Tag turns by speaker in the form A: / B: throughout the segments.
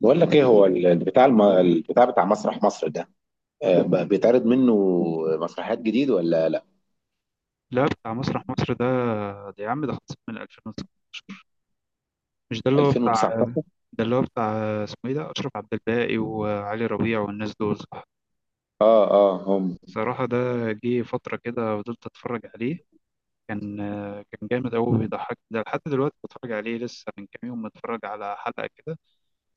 A: بقول لك ايه هو البتاع بتاع مسرح مصر ده. بيتعرض منه مسرحيات جديد ولا لا
B: لا، بتاع مسرح مصر ده. ده يا عم ده خلصت من 2006. مش ده اللي هو بتاع.
A: 2019؟
B: ده اللي هو بتاع اسمه ايه؟ ده أشرف عبد الباقي وعلي ربيع والناس دول، صح؟
A: اه اه هم.
B: صراحة ده جه فترة كده فضلت أتفرج عليه. كان كان جامد أوي، بيضحك. ده لحد دلوقتي بتفرج عليه لسه، من كام يوم متفرج على حلقة كده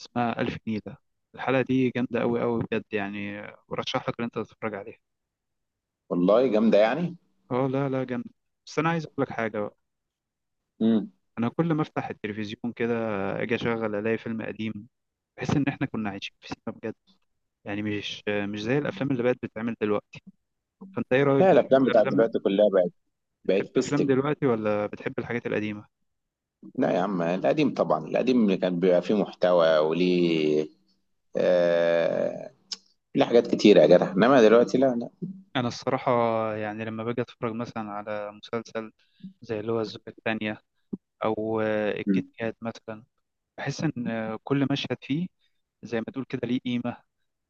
B: اسمها ألف نيلة. الحلقة دي جامدة أوي أوي بجد، يعني ورشح لك إن أنت تتفرج عليها.
A: والله جامده يعني.
B: اه لا لا، جامد. بس أنا عايز أقول لك حاجة بقى.
A: امم
B: أنا كل ما أفتح التلفزيون كده أجي أشغل ألاقي فيلم قديم. بحس ان احنا كنا عايشين في سينما بجد، يعني مش زي الافلام اللي بقت بتتعمل دلوقتي. فانت ايه رايك،
A: لا
B: بتحب
A: الافلام بتاعت
B: الافلام؟
A: دلوقتي كلها بقت.
B: بتحب الافلام
A: بيستك.
B: دلوقتي ولا بتحب الحاجات القديمه؟
A: لا يا عم القديم طبعا، القديم اللي كان بيبقى فيه محتوى وليه، آه، ليه حاجات كتيره يا جدع، انما دلوقتي لا لا.
B: انا الصراحه يعني لما باجي اتفرج مثلا على مسلسل زي اللي هو الزوجة الثانية أو الكيت
A: مم.
B: كات مثلا، بحس إن كل مشهد فيه زي ما تقول كده ليه قيمة.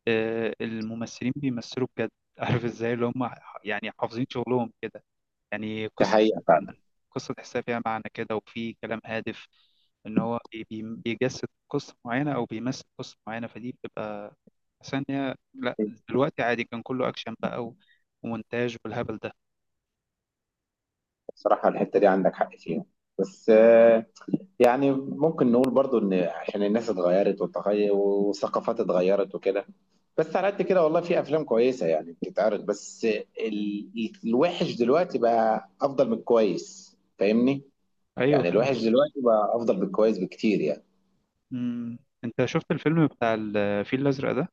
B: الممثلين بيمثلوا بجد عارف إزاي اللي هم يعني حافظين شغلهم كده، يعني
A: دي
B: قصة
A: حقيقه
B: فيها
A: فعلا.
B: معنى، قصة تحسها فيها معنى كده وفي كلام هادف، إن هو بيجسد قصة معينة أو بيمثل قصة معينة. فدي بتبقى، حاسس إن هي لأ. دلوقتي عادي، كان كله أكشن بقى ومونتاج والهبل ده.
A: بصراحه الحته دي عندك حق فيها، بس يعني ممكن نقول برضو ان عشان الناس اتغيرت والتغير والثقافات اتغيرت وكده. بس على قد كده والله في افلام كويسه يعني بتتعرض، بس الوحش دلوقتي بقى افضل من الكويس، فاهمني؟
B: أيوه
A: يعني الوحش
B: فاهم.
A: دلوقتي بقى افضل من الكويس بكتير يعني.
B: أنت شفت الفيلم بتاع الفيل الأزرق ده؟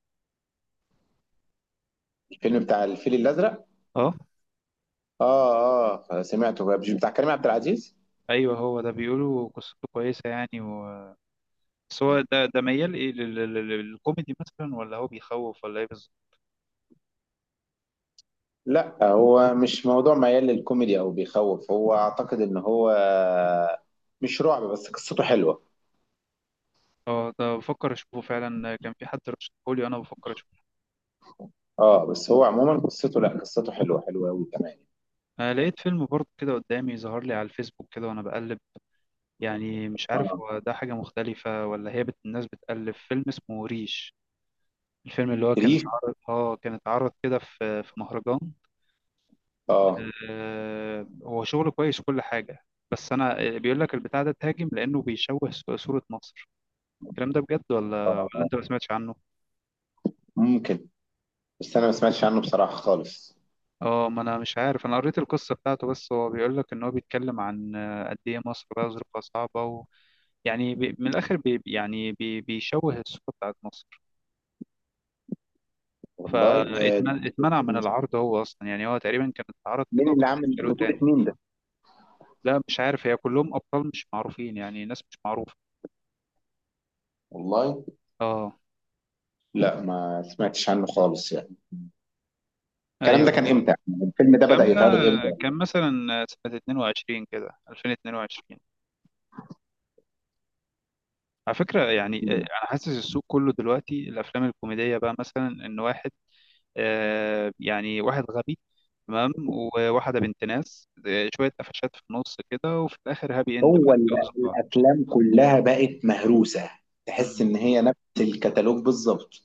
A: الفيلم بتاع الفيل الازرق.
B: أه.
A: اه اه سمعته بقى. مش بتاع كريم عبد العزيز؟
B: أيوه هو ده، بيقولوا قصته كويسة يعني بس هو ده ميال إيه للكوميدي مثلا، ولا هو بيخوف، ولا إيه بالظبط؟
A: لا هو مش موضوع ميال للكوميدي او بيخوف، هو اعتقد ان هو مش رعب، بس قصته حلوه.
B: أه ده بفكر أشوفه فعلا، كان في حد رشحهولي، أنا بفكر.
A: اه، بس هو عموما قصته، لا قصته حلوه، حلوه قوي كمان.
B: أنا لقيت فيلم برضه كده قدامي، ظهر لي على الفيسبوك كده وأنا بقلب. يعني مش عارف
A: اه
B: هو ده حاجة مختلفة ولا هي الناس بتألف. فيلم اسمه ريش، الفيلم اللي هو كان
A: ريف.
B: اتعرض، اه كان اتعرض كده في مهرجان.
A: اه
B: هو شغله كويس كل حاجة. بس أنا بيقول لك البتاع ده تهاجم لأنه بيشوه صورة مصر. الكلام ده بجد،
A: اه
B: ولا
A: اه.
B: أنت ما سمعتش عنه؟
A: ممكن، بس انا ما سمعتش عنه بصراحه خالص.
B: اه، ما أنا مش عارف، أنا قريت القصة بتاعته. بس هو بيقول لك إن هو بيتكلم عن قد إيه مصر بقى ظروفها صعبة، يعني بي من الآخر بي يعني بي بيشوه الصورة بتاعت مصر.
A: والله
B: فاتمنع من العرض هو أصلا، يعني هو تقريبا كان اتعرض كده
A: مين اللي
B: وبعدين
A: عامل
B: شالوه
A: بطولة
B: تاني.
A: مين ده؟
B: لا مش عارف، هي كلهم أبطال مش معروفين، يعني ناس مش معروفة.
A: والله
B: اه.
A: لا، ما سمعتش عنه خالص يعني. الكلام
B: ايوه.
A: ده كان امتى؟ الفيلم ده بدأ
B: الكلام ده
A: يتعرض امتى؟
B: كان مثلا سنة 22 كده، 2022. على فكرة يعني، أنا حاسس السوق كله دلوقتي الأفلام الكوميدية بقى مثلا إن واحد يعني واحد غبي، تمام، وواحدة بنت ناس، شوية قفشات في النص كده، وفي الآخر هابي إند بقى
A: هو ال-
B: اتجوزوا بعض.
A: الافلام كلها بقت مهروسة. تحس
B: مم.
A: ان هي نفس الكتالوج بالظبط.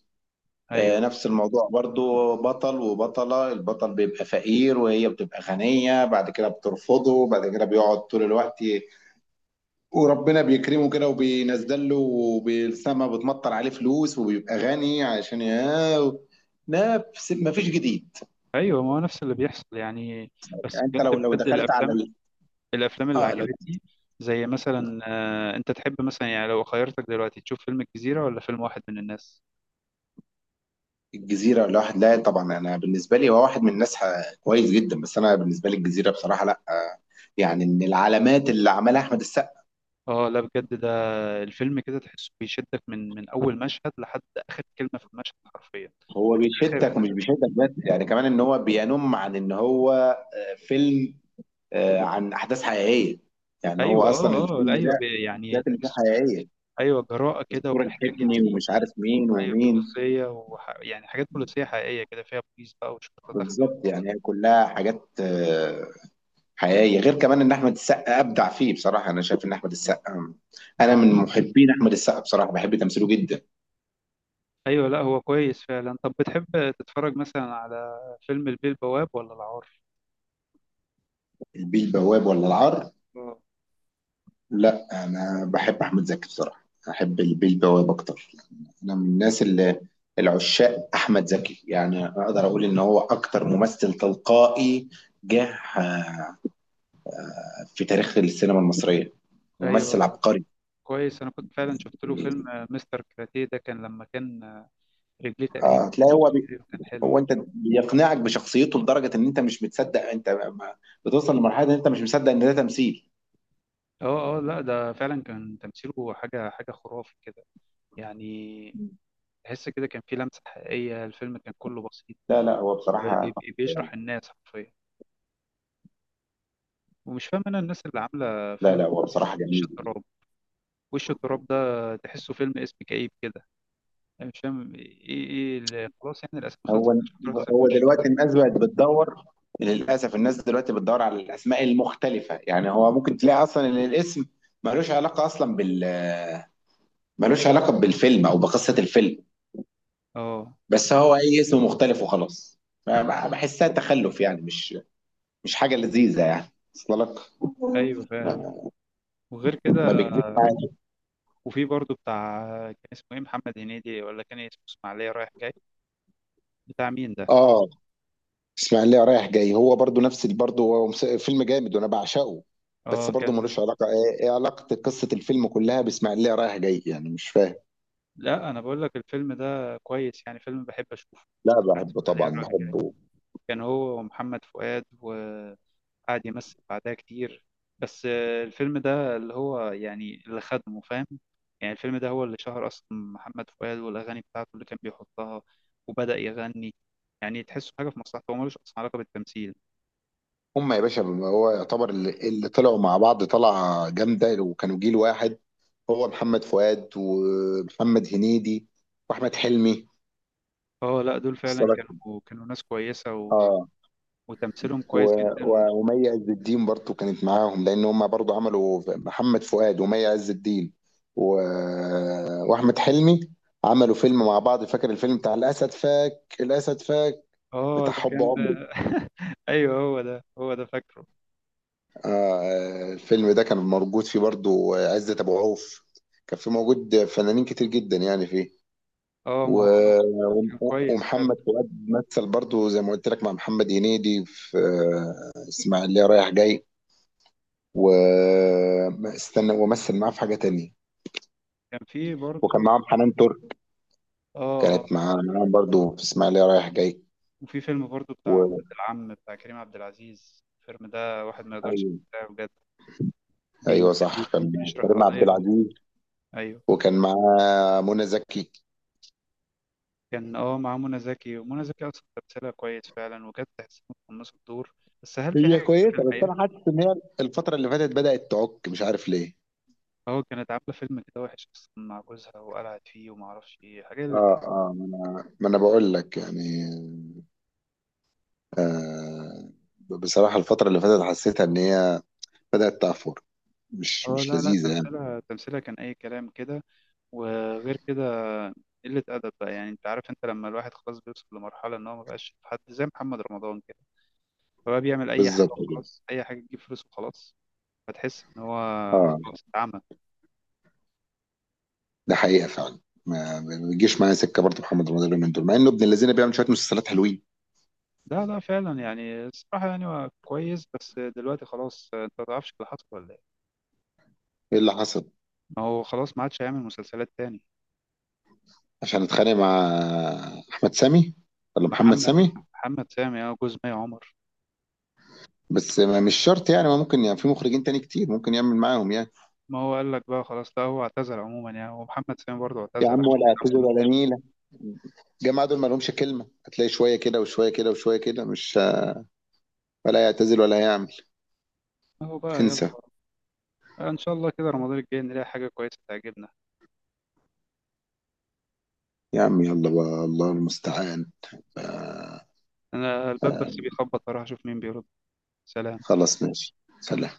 B: أيوه.
A: نفس الموضوع برضو، بطل وبطلة، البطل بيبقى فقير وهي بتبقى غنية، بعد كده بترفضه، بعد كده بيقعد طول الوقت وربنا بيكرمه كده وبينزل له وبالسما بتمطر عليه فلوس وبيبقى غني عشان ياه. نفس، ما فيش جديد.
B: أيوه، ما هو نفس اللي بيحصل يعني. بس
A: يعني انت
B: بجد
A: لو
B: بجد
A: دخلت على
B: الأفلام، الأفلام اللي
A: اه لو،
B: عجبتني زي مثلا، أنت تحب مثلا يعني لو خيرتك دلوقتي تشوف فيلم الجزيرة ولا فيلم واحد من الناس؟
A: الجزيرة الواحد؟ لا طبعا، انا بالنسبة لي هو واحد من الناس كويس جدا، بس انا بالنسبة لي الجزيرة بصراحة، لا يعني من العلامات اللي عملها احمد السقا.
B: اه لا بجد، ده الفيلم كده تحسه بيشدك من اول مشهد لحد اخر كلمه في المشهد حرفيا.
A: هو
B: اخر.
A: بيشدك ومش بيشدك، بس يعني كمان ان هو بينم عن ان هو فيلم عن احداث حقيقيه، يعني هو
B: ايوه.
A: اصلا
B: اه اه
A: الفيلم
B: لا، ايوه،
A: ده
B: يعني
A: الحاجات اللي فيه
B: تحس.
A: حقيقيه،
B: ايوه جراءة كده
A: الدكتور
B: ومحتاج
A: الحفني
B: يعني.
A: ومش عارف مين
B: ايوه
A: ومين.
B: بوليسية يعني حاجات بوليسية حقيقية كده، فيها بوليس بقى وشرطة داخلة
A: بالظبط، يعني هي كلها حاجات حقيقيه. غير كمان ان احمد السقا ابدع فيه، بصراحه انا شايف ان احمد السقا انا
B: اه.
A: من محبين احمد السقا بصراحه، بحب تمثيله جدا.
B: ايوه لا هو كويس فعلا. طب بتحب تتفرج مثلا على فيلم البيه البواب ولا العار؟
A: البيه البواب ولا العار؟
B: اه.
A: لا انا بحب احمد زكي بصراحه، احب البيه البواب اكتر. انا من الناس اللي العشاق احمد زكي، يعني اقدر اقول ان هو اكتر ممثل تلقائي جه في تاريخ السينما المصريه، ممثل
B: ايوه
A: عبقري.
B: كويس. انا كنت فعلا شفت له
A: يعني
B: فيلم مستر كراتيه ده، كان لما كان رجليه تقريبا
A: هتلاقي
B: كتير، كان حلو.
A: هو انت بيقنعك بشخصيته لدرجه ان انت مش متصدق، انت ما- بتوصل لمرحله ان انت مش مصدق ان ده تمثيل.
B: اه اه لا، ده فعلا كان تمثيله حاجة حاجة خرافي كده، يعني تحس كده كان في لمسة حقيقية، الفيلم كان كله بسيط
A: لا لا هو
B: بي-
A: بصراحه
B: بي- بيشرح الناس حرفيا. ومش فاهم انا الناس اللي عامله
A: لا
B: فيلم
A: لا هو بصراحه
B: وش
A: جميل.
B: التراب. وش التراب ده تحسه فيلم اسم كئيب كده، انا مش فاهم ايه اللي خلاص يعني، الاسم خلصت
A: هو،
B: مش هتروح تسمي
A: هو
B: وش
A: دلوقتي
B: التراب.
A: الناس بقت بتدور، للاسف الناس دلوقتي بتدور على الاسماء المختلفه، يعني هو ممكن تلاقي اصلا ان الاسم ملوش علاقه اصلا بال ملوش علاقه بالفيلم او بقصه الفيلم.
B: اه
A: بس هو اي اسم مختلف وخلاص. بحسها تخلف يعني، مش مش حاجه لذيذه يعني اصل لك.
B: ايوه فاهم.
A: ما
B: وغير كده،
A: ما بتجيب.
B: وفي برضه بتاع كان اسمه ايه، محمد هنيدي، ولا كان اسمه اسماعيليه رايح جاي، بتاع مين ده؟
A: اه، اسماعيليه رايح جاي هو برضو برضو هو فيلم جامد وانا بعشقه. بس
B: اه
A: برضو
B: كان.
A: ملوش علاقه، ايه إيه علاقه قصه الفيلم كلها باسماعيليه رايح جاي؟ يعني مش فاهم.
B: لا انا بقول لك الفيلم ده كويس يعني، فيلم بحب اشوفه،
A: لا
B: بتاع
A: بحبه
B: اسماعيليه
A: طبعا،
B: رايح جاي،
A: بحبه.
B: كان هو ومحمد فؤاد قعد يمثل بعدها كتير. بس الفيلم ده اللي هو يعني اللي خدمه فاهم، يعني الفيلم ده هو اللي شهر أصلا محمد فؤاد، والأغاني بتاعته اللي كان بيحطها وبدأ يغني، يعني تحسه حاجة في مصلحته، هو ملوش أصلا علاقة بالتمثيل.
A: هم يا باشا، هو يعتبر اللي طلعوا مع بعض طلعه جامده، وكانوا جيل واحد. هو محمد فؤاد ومحمد هنيدي واحمد حلمي،
B: اه لا دول فعلا
A: وصلك؟
B: كانوا، كانوا ناس كويسة
A: اه.
B: وتمثيلهم كويس جدا.
A: ومي عز الدين برضو كانت معاهم، لان هم برضو عملوا محمد فؤاد ومي عز الدين و... واحمد حلمي عملوا فيلم مع بعض. فاكر الفيلم بتاع الاسد فاك، الاسد فاك
B: اه
A: بتاع
B: ده
A: حب
B: كان
A: عمري؟
B: ده ايوه هو ده، هو ده فاكره.
A: آه. الفيلم ده كان موجود فيه برضو عزت ابو عوف، كان فيه موجود فنانين كتير جدا يعني فيه
B: اه، ما
A: و...
B: هو كان كويس فعلا.
A: ومحمد فؤاد مثل برضو زي ما قلت لك مع محمد هنيدي في اسماعيليه رايح جاي، واستنى ومثل معاه في حاجة تانية.
B: كان في
A: وكان
B: برضه
A: معاهم حنان ترك،
B: اه. آه،
A: كانت معاه، معاهم برضو في اسماعيلية رايح جاي
B: وفي فيلم برضو بتاع
A: و...
B: ولاد العم بتاع كريم عبد العزيز، الفيلم ده واحد ما يقدرش
A: ايوه.
B: ينساه بجد. بي-
A: ايوه صح،
B: بي- بي-
A: كان
B: بيشرح
A: كريم عبد
B: قضية مهمة.
A: العزيز
B: أيوه.
A: وكان معاه منى زكي.
B: كان اه مع منى زكي، ومنى زكي أصلا تمثيلها كويس فعلا، وكانت تحس إنها متقمصة الدور. بس هل في
A: هي
B: حاجة كده في
A: كويسة، بس
B: الحقيقة؟
A: انا حاسس ان هي الفترة اللي فاتت بدأت تعك، مش عارف ليه.
B: اه كانت عاملة فيلم كده وحش أصلا مع جوزها وقلعت فيه، وما أعرفش إيه حاجة اللي
A: اه
B: اتقال.
A: اه، ما انا بقول لك يعني، آه، بصراحة الفترة اللي فاتت حسيتها ان هي بدأت تعفر، مش
B: اه
A: مش
B: لا لا
A: لذيذة يعني.
B: تمثيلها كان أي كلام كده. وغير كده قلة أدب بقى، يعني أنت عارف، أنت لما الواحد خلاص بيوصل لمرحلة إن هو مبقاش حد زي محمد رمضان كده، فبقى بيعمل اي حاجه
A: بالظبط كده.
B: وخلاص، اي حاجه تجيب فلوس وخلاص. فتحس ان هو
A: اه،
B: خلاص اتعمى.
A: ده حقيقه فعلا. ما بيجيش معايا سكه برضه محمد رمضان اليومين دول، مع انه ابن الذين بيعمل شويه مسلسلات حلوين.
B: لا لا فعلا يعني الصراحه، يعني هو كويس بس دلوقتي خلاص، انت ما تعرفش اللي حصل ولا ايه؟
A: ايه اللي حصل؟
B: ما هو خلاص ما عادش هيعمل مسلسلات تاني.
A: عشان اتخانق مع احمد سامي ولا محمد
B: محمد
A: سامي؟
B: محمد سامي، اه، جوز مي عمر.
A: بس ما مش شرط يعني، ما ممكن يعني في مخرجين تاني كتير ممكن يعمل معاهم يعني.
B: ما هو قال لك بقى خلاص، لا هو اعتزل عموما يعني، ومحمد سامي برضه
A: يا
B: اعتزل
A: عم
B: عشان
A: ولا اعتذر
B: كان
A: ولا
B: مشكله.
A: نيله، الجماعه دول ما لهمش كلمه، هتلاقي شويه كده وشويه كده وشويه كده، مش ولا يعتزل ولا يعمل.
B: اهو بقى يلا.
A: انسى.
B: ان شاء الله كده رمضان الجاي نلاقي حاجه كويسه تعجبنا.
A: يا عم يلا بقى، الله المستعان. آه،
B: انا الباب
A: آه،
B: بس بيخبط، اروح اشوف مين بيرد. سلام.
A: خلاص ماشي، سلام.